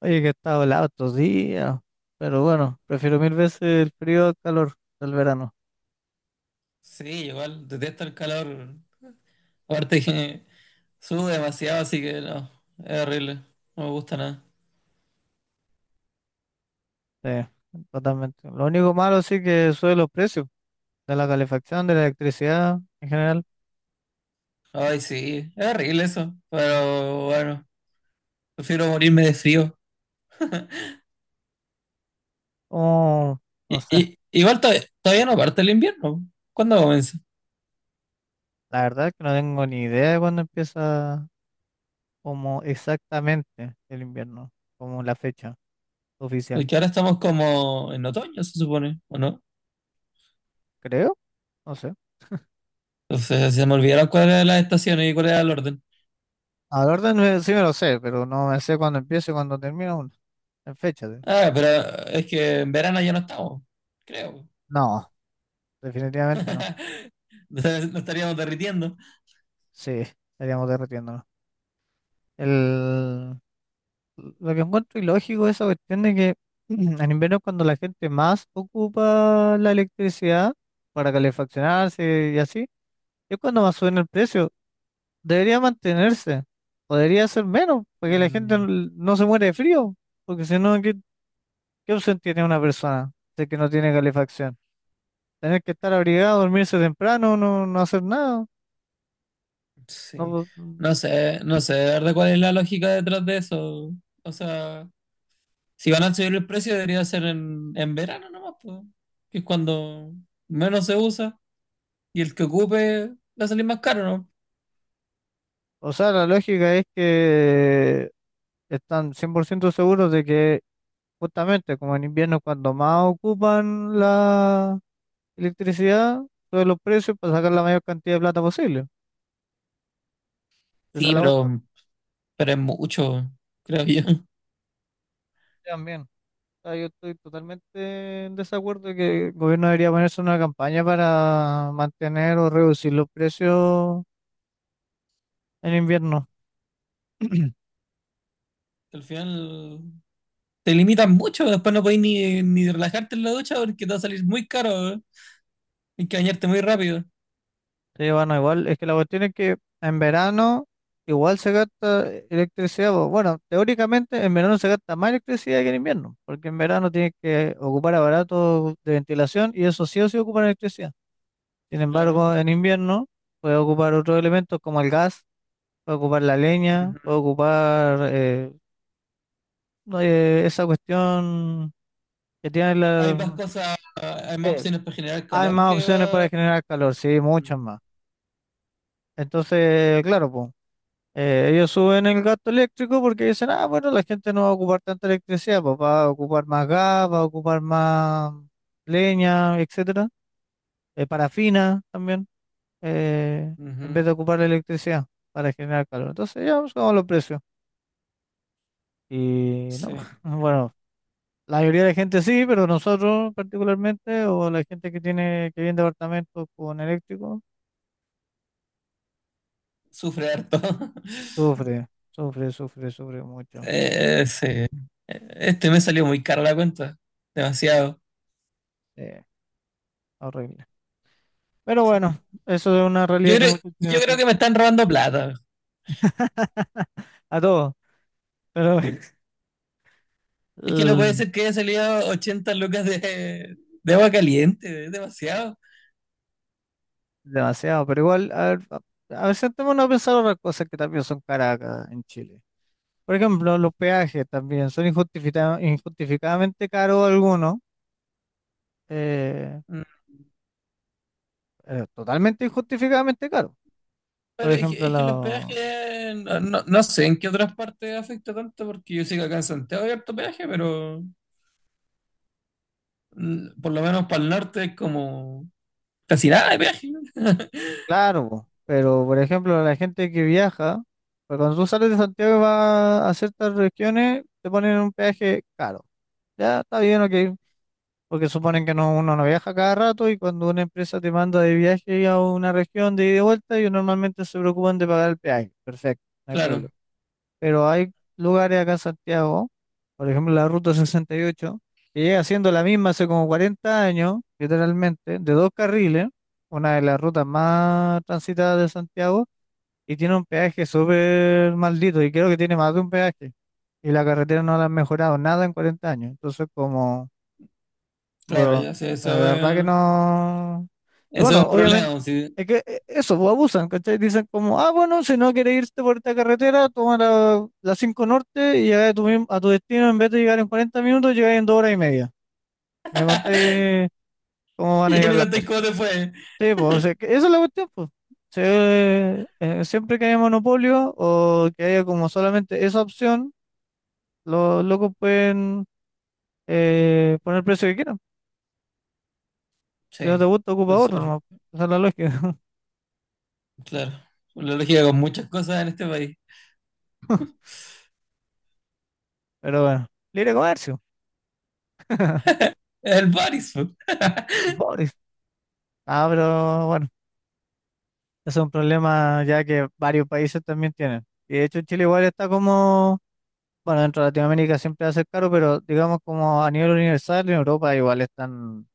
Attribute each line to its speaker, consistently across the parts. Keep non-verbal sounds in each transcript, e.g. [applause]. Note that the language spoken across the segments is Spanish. Speaker 1: Oye, que ha helado estos días, pero bueno, prefiero 1000 veces el frío al calor del verano.
Speaker 2: Sí, igual detesto el calor. Aparte que sube demasiado, así que no, es horrible. No me gusta nada.
Speaker 1: Sí, totalmente. Lo único malo, sí que suben los precios de la calefacción, de la electricidad en general.
Speaker 2: Ay, sí, es horrible eso. Pero bueno, prefiero morirme de frío.
Speaker 1: Oh,
Speaker 2: Y,
Speaker 1: no sé,
Speaker 2: y- igual to- Todavía no parte el invierno. ¿Cuándo comienza?
Speaker 1: la verdad es que no tengo ni idea de cuándo empieza como exactamente el invierno, como la fecha oficial.
Speaker 2: Porque ahora estamos como en otoño, se supone, ¿o no?
Speaker 1: Creo, no sé.
Speaker 2: Entonces se me olvidaron cuáles eran las estaciones y cuál era el orden.
Speaker 1: A la orden sí me lo sé, pero no me sé cuándo empieza y cuándo termina uno. En fecha.
Speaker 2: Ah, pero es que en verano ya no estamos, creo.
Speaker 1: No, definitivamente no.
Speaker 2: [laughs] Nos estaríamos derritiendo.
Speaker 1: Sí, estaríamos derretiendo. El, lo que encuentro ilógico es esa cuestión de que [clears throat] en invierno es cuando la gente más ocupa la electricidad para calefaccionarse y así, es cuando más suben el precio. Debería mantenerse, podría ser menos, porque la gente
Speaker 2: Mm.
Speaker 1: no se muere de frío, porque si no, ¿qué, qué opción tiene una persona de que no tiene calefacción? Tener que estar abrigado, dormirse temprano, no hacer nada.
Speaker 2: Sí.
Speaker 1: No,
Speaker 2: No sé, no sé, de verdad, cuál es la lógica detrás de eso. O sea, si van a subir el precio, debería ser en verano nomás, po, que es cuando menos se usa y el que ocupe va a salir más caro, ¿no?
Speaker 1: o sea, la lógica es que están 100% seguros de que, justamente, como en invierno, cuando más ocupan la electricidad, suben los precios para sacar la mayor cantidad de plata posible. Esa es
Speaker 2: Sí,
Speaker 1: la cuestión.
Speaker 2: pero es mucho, creo yo. [laughs]
Speaker 1: También. O sea, yo estoy totalmente en desacuerdo de que el gobierno debería ponerse una campaña para mantener o reducir los precios en invierno. [clears throat]
Speaker 2: Al final te limitan mucho, después no podés ni relajarte en la ducha porque te va a salir muy caro, ¿eh? Hay que bañarte muy rápido.
Speaker 1: Sí, bueno, igual, es que la cuestión es que en verano igual se gasta electricidad. Bueno, teóricamente en verano se gasta más electricidad que en invierno, porque en verano tienes que ocupar aparatos de ventilación y eso sí o sí ocupa electricidad. Sin
Speaker 2: Claro.
Speaker 1: embargo, en invierno puede ocupar otros elementos como el gas, puede ocupar la leña, puede
Speaker 2: Ujú.
Speaker 1: ocupar no, esa cuestión que tiene
Speaker 2: Hay más
Speaker 1: la...
Speaker 2: cosas, hay más
Speaker 1: eh,
Speaker 2: opciones para generar
Speaker 1: hay
Speaker 2: calor
Speaker 1: más
Speaker 2: que
Speaker 1: opciones para
Speaker 2: va.
Speaker 1: generar calor, sí, muchas
Speaker 2: mm,
Speaker 1: más. Entonces, claro, pues. Ellos suben el gasto eléctrico porque dicen, ah, bueno, la gente no va a ocupar tanta electricidad, pues va a ocupar más gas, va a ocupar más leña, etcétera, parafina también, eh, en
Speaker 2: ujú.
Speaker 1: vez de ocupar la electricidad para generar calor. Entonces ya buscamos los precios. Y no,
Speaker 2: Sí,
Speaker 1: [laughs] bueno, la mayoría de la gente sí, pero nosotros particularmente, o la gente que tiene, que vive en departamentos con eléctrico,
Speaker 2: sufre harto. [laughs]
Speaker 1: sufre, sufre, sufre, sufre mucho.
Speaker 2: Eh, sí. Eh, Este me salió muy caro la cuenta. Demasiado.
Speaker 1: Eh, horrible. Pero bueno, eso es una
Speaker 2: Yo
Speaker 1: realidad que
Speaker 2: creo,
Speaker 1: muchos
Speaker 2: yo
Speaker 1: chilenos
Speaker 2: creo
Speaker 1: tienen.
Speaker 2: que me están robando plata.
Speaker 1: [laughs] A todos, pero [laughs]
Speaker 2: Es que no puede
Speaker 1: el-
Speaker 2: ser que haya salido 80 lucas de agua caliente. Es demasiado.
Speaker 1: demasiado. Pero igual, a ver, a ver, sentémonos a pensar otras cosas que también son caras acá en Chile. Por ejemplo, los peajes también son injustificadamente caros algunos, eh, totalmente injustificadamente caros. Por
Speaker 2: Pero es que,
Speaker 1: ejemplo,
Speaker 2: es que el
Speaker 1: los...
Speaker 2: hospedaje, no, no, no sé en qué otras partes afecta tanto, porque yo sé que acá en Santiago hay harto peaje, pero por lo menos para el norte es como casi nada de peaje. [laughs]
Speaker 1: Claro, po, pero por ejemplo, la gente que viaja, pues cuando tú sales de Santiago y vas a ciertas regiones, te ponen un peaje caro. Ya está bien, ok, porque suponen que no, uno no viaja cada rato, y cuando una empresa te manda de viaje a una región de ida y de vuelta, ellos normalmente se preocupan de pagar el peaje. Perfecto, no hay problema.
Speaker 2: Claro,
Speaker 1: Pero hay lugares acá en Santiago, por ejemplo la Ruta 68, que llega siendo la misma hace como 40 años, literalmente, de dos carriles, una de las rutas más transitadas de Santiago, y tiene un peaje súper maldito, y creo que tiene más de un peaje. Y la carretera no la han mejorado nada en 40 años. Entonces, como
Speaker 2: claro,
Speaker 1: bro,
Speaker 2: ya sé,
Speaker 1: la
Speaker 2: eso,
Speaker 1: verdad que
Speaker 2: es-
Speaker 1: no. Y
Speaker 2: eso es
Speaker 1: bueno,
Speaker 2: un
Speaker 1: obviamente,
Speaker 2: problema. Pues, sí.
Speaker 1: es que eso, pues, abusan, ¿cachai? Dicen como, ah, bueno, si no quieres irte por esta carretera, toma la 5 Norte y llegas a tu, a tu destino, en vez de llegar en 40 minutos, llegas en 2 horas y media. Y me contáis cómo
Speaker 2: [laughs]
Speaker 1: van a
Speaker 2: Y
Speaker 1: llegar
Speaker 2: me
Speaker 1: las
Speaker 2: contáis
Speaker 1: cosas.
Speaker 2: cómo te fue.
Speaker 1: Sí, pues, o sea, que esa es la cuestión, pues. Sí, siempre que haya monopolio o que haya como solamente esa opción, los locos pueden poner el precio que quieran. Si
Speaker 2: Sí,
Speaker 1: no te gusta,
Speaker 2: lo
Speaker 1: ocupa otro,
Speaker 2: sur,
Speaker 1: ¿no? Esa es la lógica. [laughs]
Speaker 2: claro. La lógica con muchas cosas en este país.
Speaker 1: Pero bueno, libre comercio,
Speaker 2: Es el Baris, po. [laughs]
Speaker 1: el Boris. Ah, pero bueno, ese es un problema ya que varios países también tienen. Y de hecho Chile igual está como, bueno, dentro de Latinoamérica siempre va a ser caro, pero digamos como a nivel universal en Europa igual están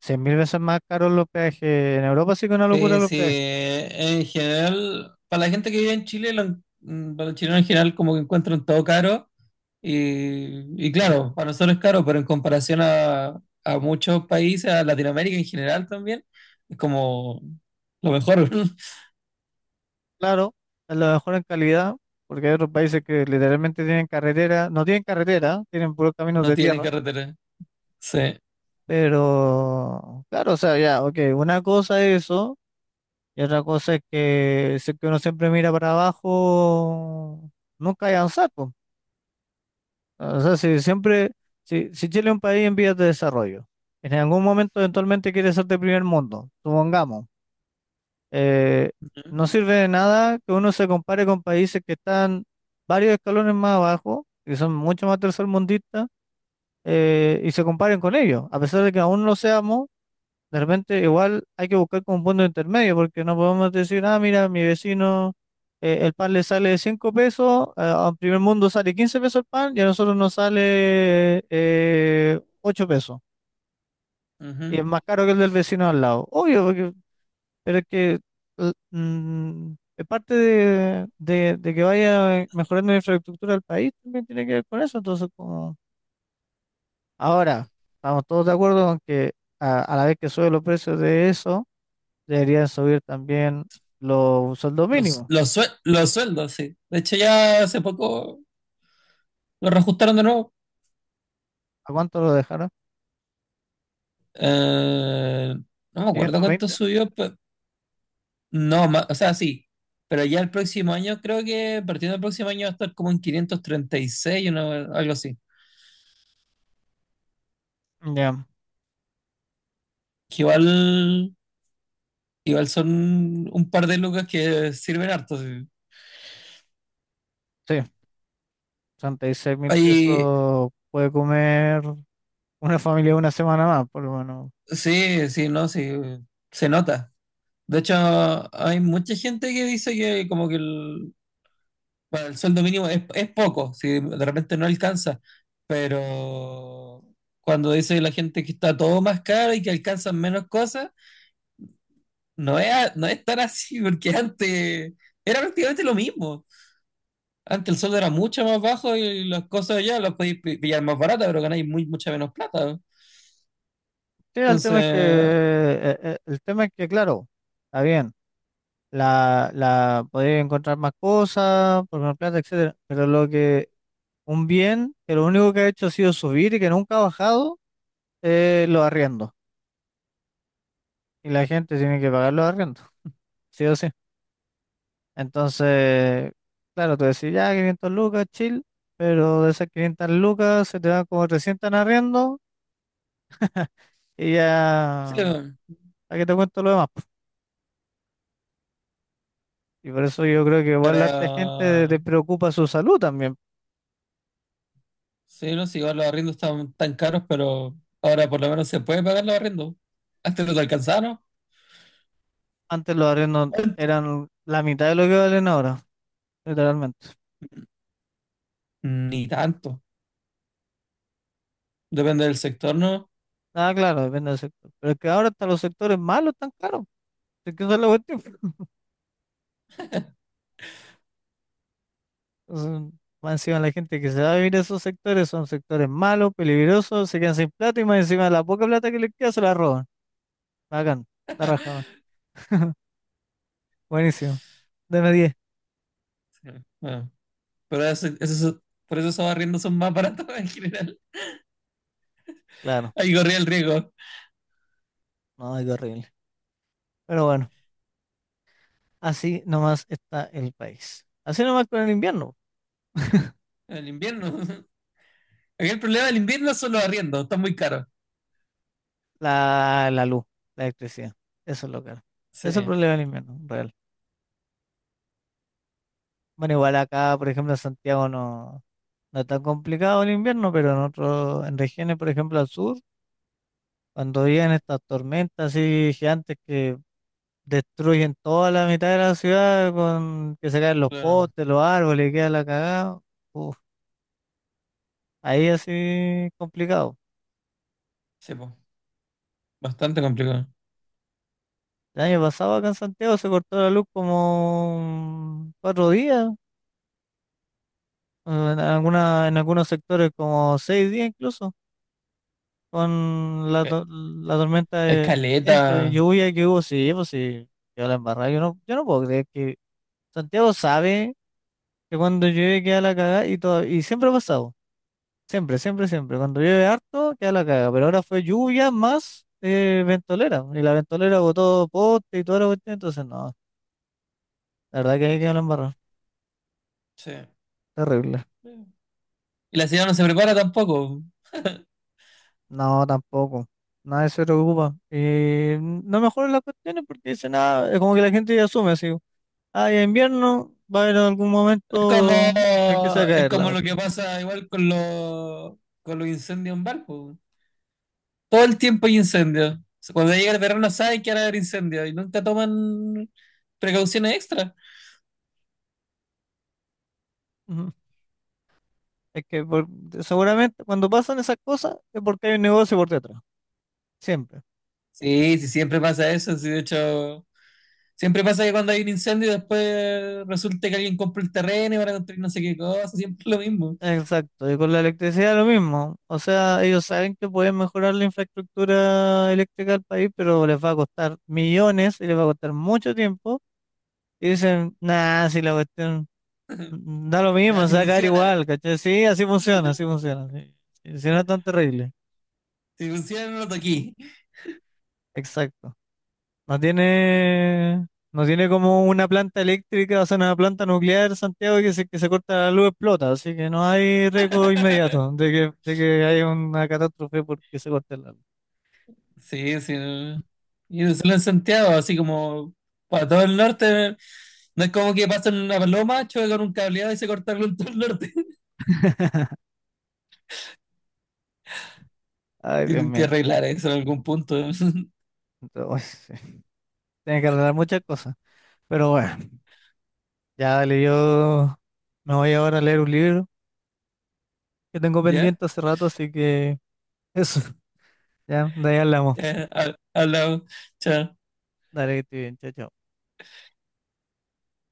Speaker 1: 100 mil veces más caros los peajes. En Europa sí que es una locura
Speaker 2: Sí,
Speaker 1: los
Speaker 2: sí,
Speaker 1: peajes.
Speaker 2: en general, para la gente que vive en Chile, para los chilenos en general como que encuentran todo caro y claro, para nosotros es caro, pero en comparación a muchos países, a Latinoamérica en general también, es como lo mejor. [laughs]
Speaker 1: Claro, a lo mejor en calidad, porque hay otros países que literalmente tienen carretera, no tienen carretera, tienen puros caminos
Speaker 2: No
Speaker 1: de
Speaker 2: tienen
Speaker 1: tierra.
Speaker 2: carretera. Sí.
Speaker 1: Pero, claro, o sea, ya, ok, una cosa es eso, y otra cosa es que si es que uno siempre mira para abajo, nunca hay avanzar, po. O sea, si siempre, si Chile es un país en vías de desarrollo, en algún momento eventualmente quiere ser de primer mundo, supongamos, eh,
Speaker 2: Ujú,
Speaker 1: no sirve de nada que uno se compare con países que están varios escalones más abajo, que son mucho más tercermundistas, y se comparen con ellos, a pesar de que aún no seamos. De repente, igual hay que buscar como un punto intermedio, porque no podemos decir, ah, mira, mi vecino, el pan le sale 5 pesos, a primer mundo sale 15 pesos el pan, y a nosotros nos sale 8 pesos. Y
Speaker 2: ujú.
Speaker 1: es más caro que el del vecino al lado. Obvio, porque, pero es que es parte de que vaya mejorando la infraestructura del país, también tiene que ver con eso. Entonces, como ahora, estamos todos de acuerdo con que a la vez que suben los precios de eso, deberían subir también los sueldos
Speaker 2: Los,
Speaker 1: mínimos.
Speaker 2: los, sue- los sueldos, sí. De hecho, ya hace poco lo reajustaron de nuevo.
Speaker 1: ¿A cuánto lo dejaron?
Speaker 2: Eh, no me acuerdo
Speaker 1: ¿quinientos
Speaker 2: cuánto
Speaker 1: veinte?
Speaker 2: subió. No, ma- o sea, Sí, pero ya el próximo año, creo que partiendo del próximo año va a estar como en 536, una- algo así.
Speaker 1: Ya,
Speaker 2: Que igual, igual son un par de lucas que sirven harto. Sí.
Speaker 1: sí, sesenta y seis mil
Speaker 2: Hay-
Speaker 1: pesos puede comer una familia una semana más, por lo menos.
Speaker 2: sí, sí, no, sí, se nota. De hecho, hay mucha gente que dice que como que el, bueno, el sueldo mínimo es poco, si de repente no alcanza, pero cuando dice la gente que está todo más caro y que alcanzan menos cosas. No es tan así, porque antes era prácticamente lo mismo. Antes el sueldo era mucho más bajo y las cosas allá las podéis pi- pillar más baratas, pero ganáis muy, mucha menos plata.
Speaker 1: Sí, el tema es que,
Speaker 2: Entonces,
Speaker 1: el tema es que, claro, está bien, la podría encontrar más cosas, por más plata, etcétera, pero lo que, un bien que lo único que ha hecho ha sido subir y que nunca ha bajado, los arriendos. Y la gente tiene que pagar los arriendos, sí o sí. Entonces, claro, tú decís, ya, 500 lucas, chill, pero de esas 500 lucas se te dan como 300 en arriendo y
Speaker 2: sí,
Speaker 1: ya, ¿para qué te cuento lo demás, po? Y por eso yo creo que igual la harta gente te
Speaker 2: para...
Speaker 1: preocupa su salud también.
Speaker 2: Sí, no sé, igual los arriendos están tan caros, pero ahora por lo menos se puede pagar los arriendos. Antes no te alcanzaron.
Speaker 1: Antes los arriendos eran la mitad de lo que valen ahora, literalmente.
Speaker 2: Ni tanto. Depende del sector, ¿no?
Speaker 1: Ah, claro, depende del sector. Pero es que ahora hasta los sectores malos están caros. Es que eso es la cuestión. Entonces, más encima la gente que se va a vivir a esos sectores son sectores malos, peligrosos, se quedan sin plata y más encima la poca plata que les queda se la roban. Bacán, la raja, weón. [laughs] Buenísimo. Deme 10,
Speaker 2: Sí. Bueno, pero por eso esos arriendos son más baratos [laughs] en general.
Speaker 1: claro.
Speaker 2: Ahí corría el riesgo.
Speaker 1: No, qué horrible. Pero bueno, así nomás está el país. Así nomás con el invierno. [laughs]
Speaker 2: En invierno. Aquí el problema del invierno son los arriendos, están muy caros.
Speaker 1: La luz, la electricidad. Eso es lo que, eso
Speaker 2: Sí,
Speaker 1: es el problema del invierno, real. Bueno, igual acá, por ejemplo, en Santiago no, no es tan complicado el invierno, pero en otros, en regiones, por ejemplo, al sur, cuando vienen estas tormentas así gigantes que destruyen toda la mitad de la ciudad, con que se caen los
Speaker 2: claro.
Speaker 1: postes, los árboles, y queda la cagada. Ahí así complicado.
Speaker 2: Sí, po. Bastante complicado.
Speaker 1: El año pasado acá en Santiago se cortó la luz como 4 días, en alguna, en algunos sectores como 6 días incluso, con la,
Speaker 2: Eh,
Speaker 1: la tormenta de viento y
Speaker 2: Escaleta.
Speaker 1: lluvia que hubo, sí, pues sí, quedó la embarrada. Yo no puedo creer que Santiago sabe que cuando llueve queda la cagada y todo, y siempre ha pasado, siempre, siempre, siempre. Cuando llueve harto queda la cagada, pero ahora fue lluvia más ventolera, y la ventolera botó poste y toda la cuestión, entonces no. La verdad que ahí quedó la embarrada.
Speaker 2: Sí.
Speaker 1: Terrible.
Speaker 2: Y la ciudad no se prepara tampoco.
Speaker 1: No, tampoco. Nadie se preocupa. Y no mejoran las cuestiones porque dice nada. Es como que la gente ya asume así. Ah, ya invierno va a haber algún
Speaker 2: Es como,
Speaker 1: momento en que se va a
Speaker 2: es
Speaker 1: caer la
Speaker 2: como lo que
Speaker 1: cuestión.
Speaker 2: pasa igual con con los incendios en barco. Todo el tiempo hay incendios. Cuando llega el verano saben que van a haber incendios y nunca toman precauciones extra.
Speaker 1: Ujú. Es que seguramente cuando pasan esas cosas es porque hay un negocio por detrás. Siempre.
Speaker 2: Sí, sí, siempre pasa eso. Sí, de hecho, siempre pasa que cuando hay un incendio y después resulta que alguien compra el terreno y van a construir no sé qué cosa, siempre lo mismo.
Speaker 1: Exacto. Y con la electricidad lo mismo. O sea, ellos saben que pueden mejorar la infraestructura eléctrica del país, pero les va a costar millones y les va a costar mucho tiempo. Y dicen, nah, si la cuestión, mm, da lo mismo,
Speaker 2: Nada, si
Speaker 1: se va a caer
Speaker 2: funciona,
Speaker 1: igual, ¿cachai? Sí, así funciona, así funciona. Sí, sí, sí, no es tan terrible.
Speaker 2: si funciona no lo toqué.
Speaker 1: Exacto. No tiene, no tiene como una planta eléctrica, o sea, una planta nuclear, Santiago, que se corta la luz explota, así que no hay riesgo inmediato de que haya una catástrofe porque se corte la luz.
Speaker 2: Sí, sí, no. Y no solo en Santiago, así como para todo el norte, no es como que pasan una paloma, choque con un cableado y se cortaron en todo el norte. [laughs]
Speaker 1: [laughs] Ay, Dios
Speaker 2: Tienen que
Speaker 1: mío.
Speaker 2: arreglar eso en algún punto. [laughs]
Speaker 1: Entonces, uy, sí. Tiene que arreglar muchas cosas. Pero bueno, ya dale, yo me voy ahora a leer un libro que tengo
Speaker 2: ¿Ya?
Speaker 1: pendiente hace rato, así que eso, [laughs] ya, de ahí hablamos.
Speaker 2: Ya, ha- hablamos. Chao.
Speaker 1: Dale, que estés bien, chao, chao.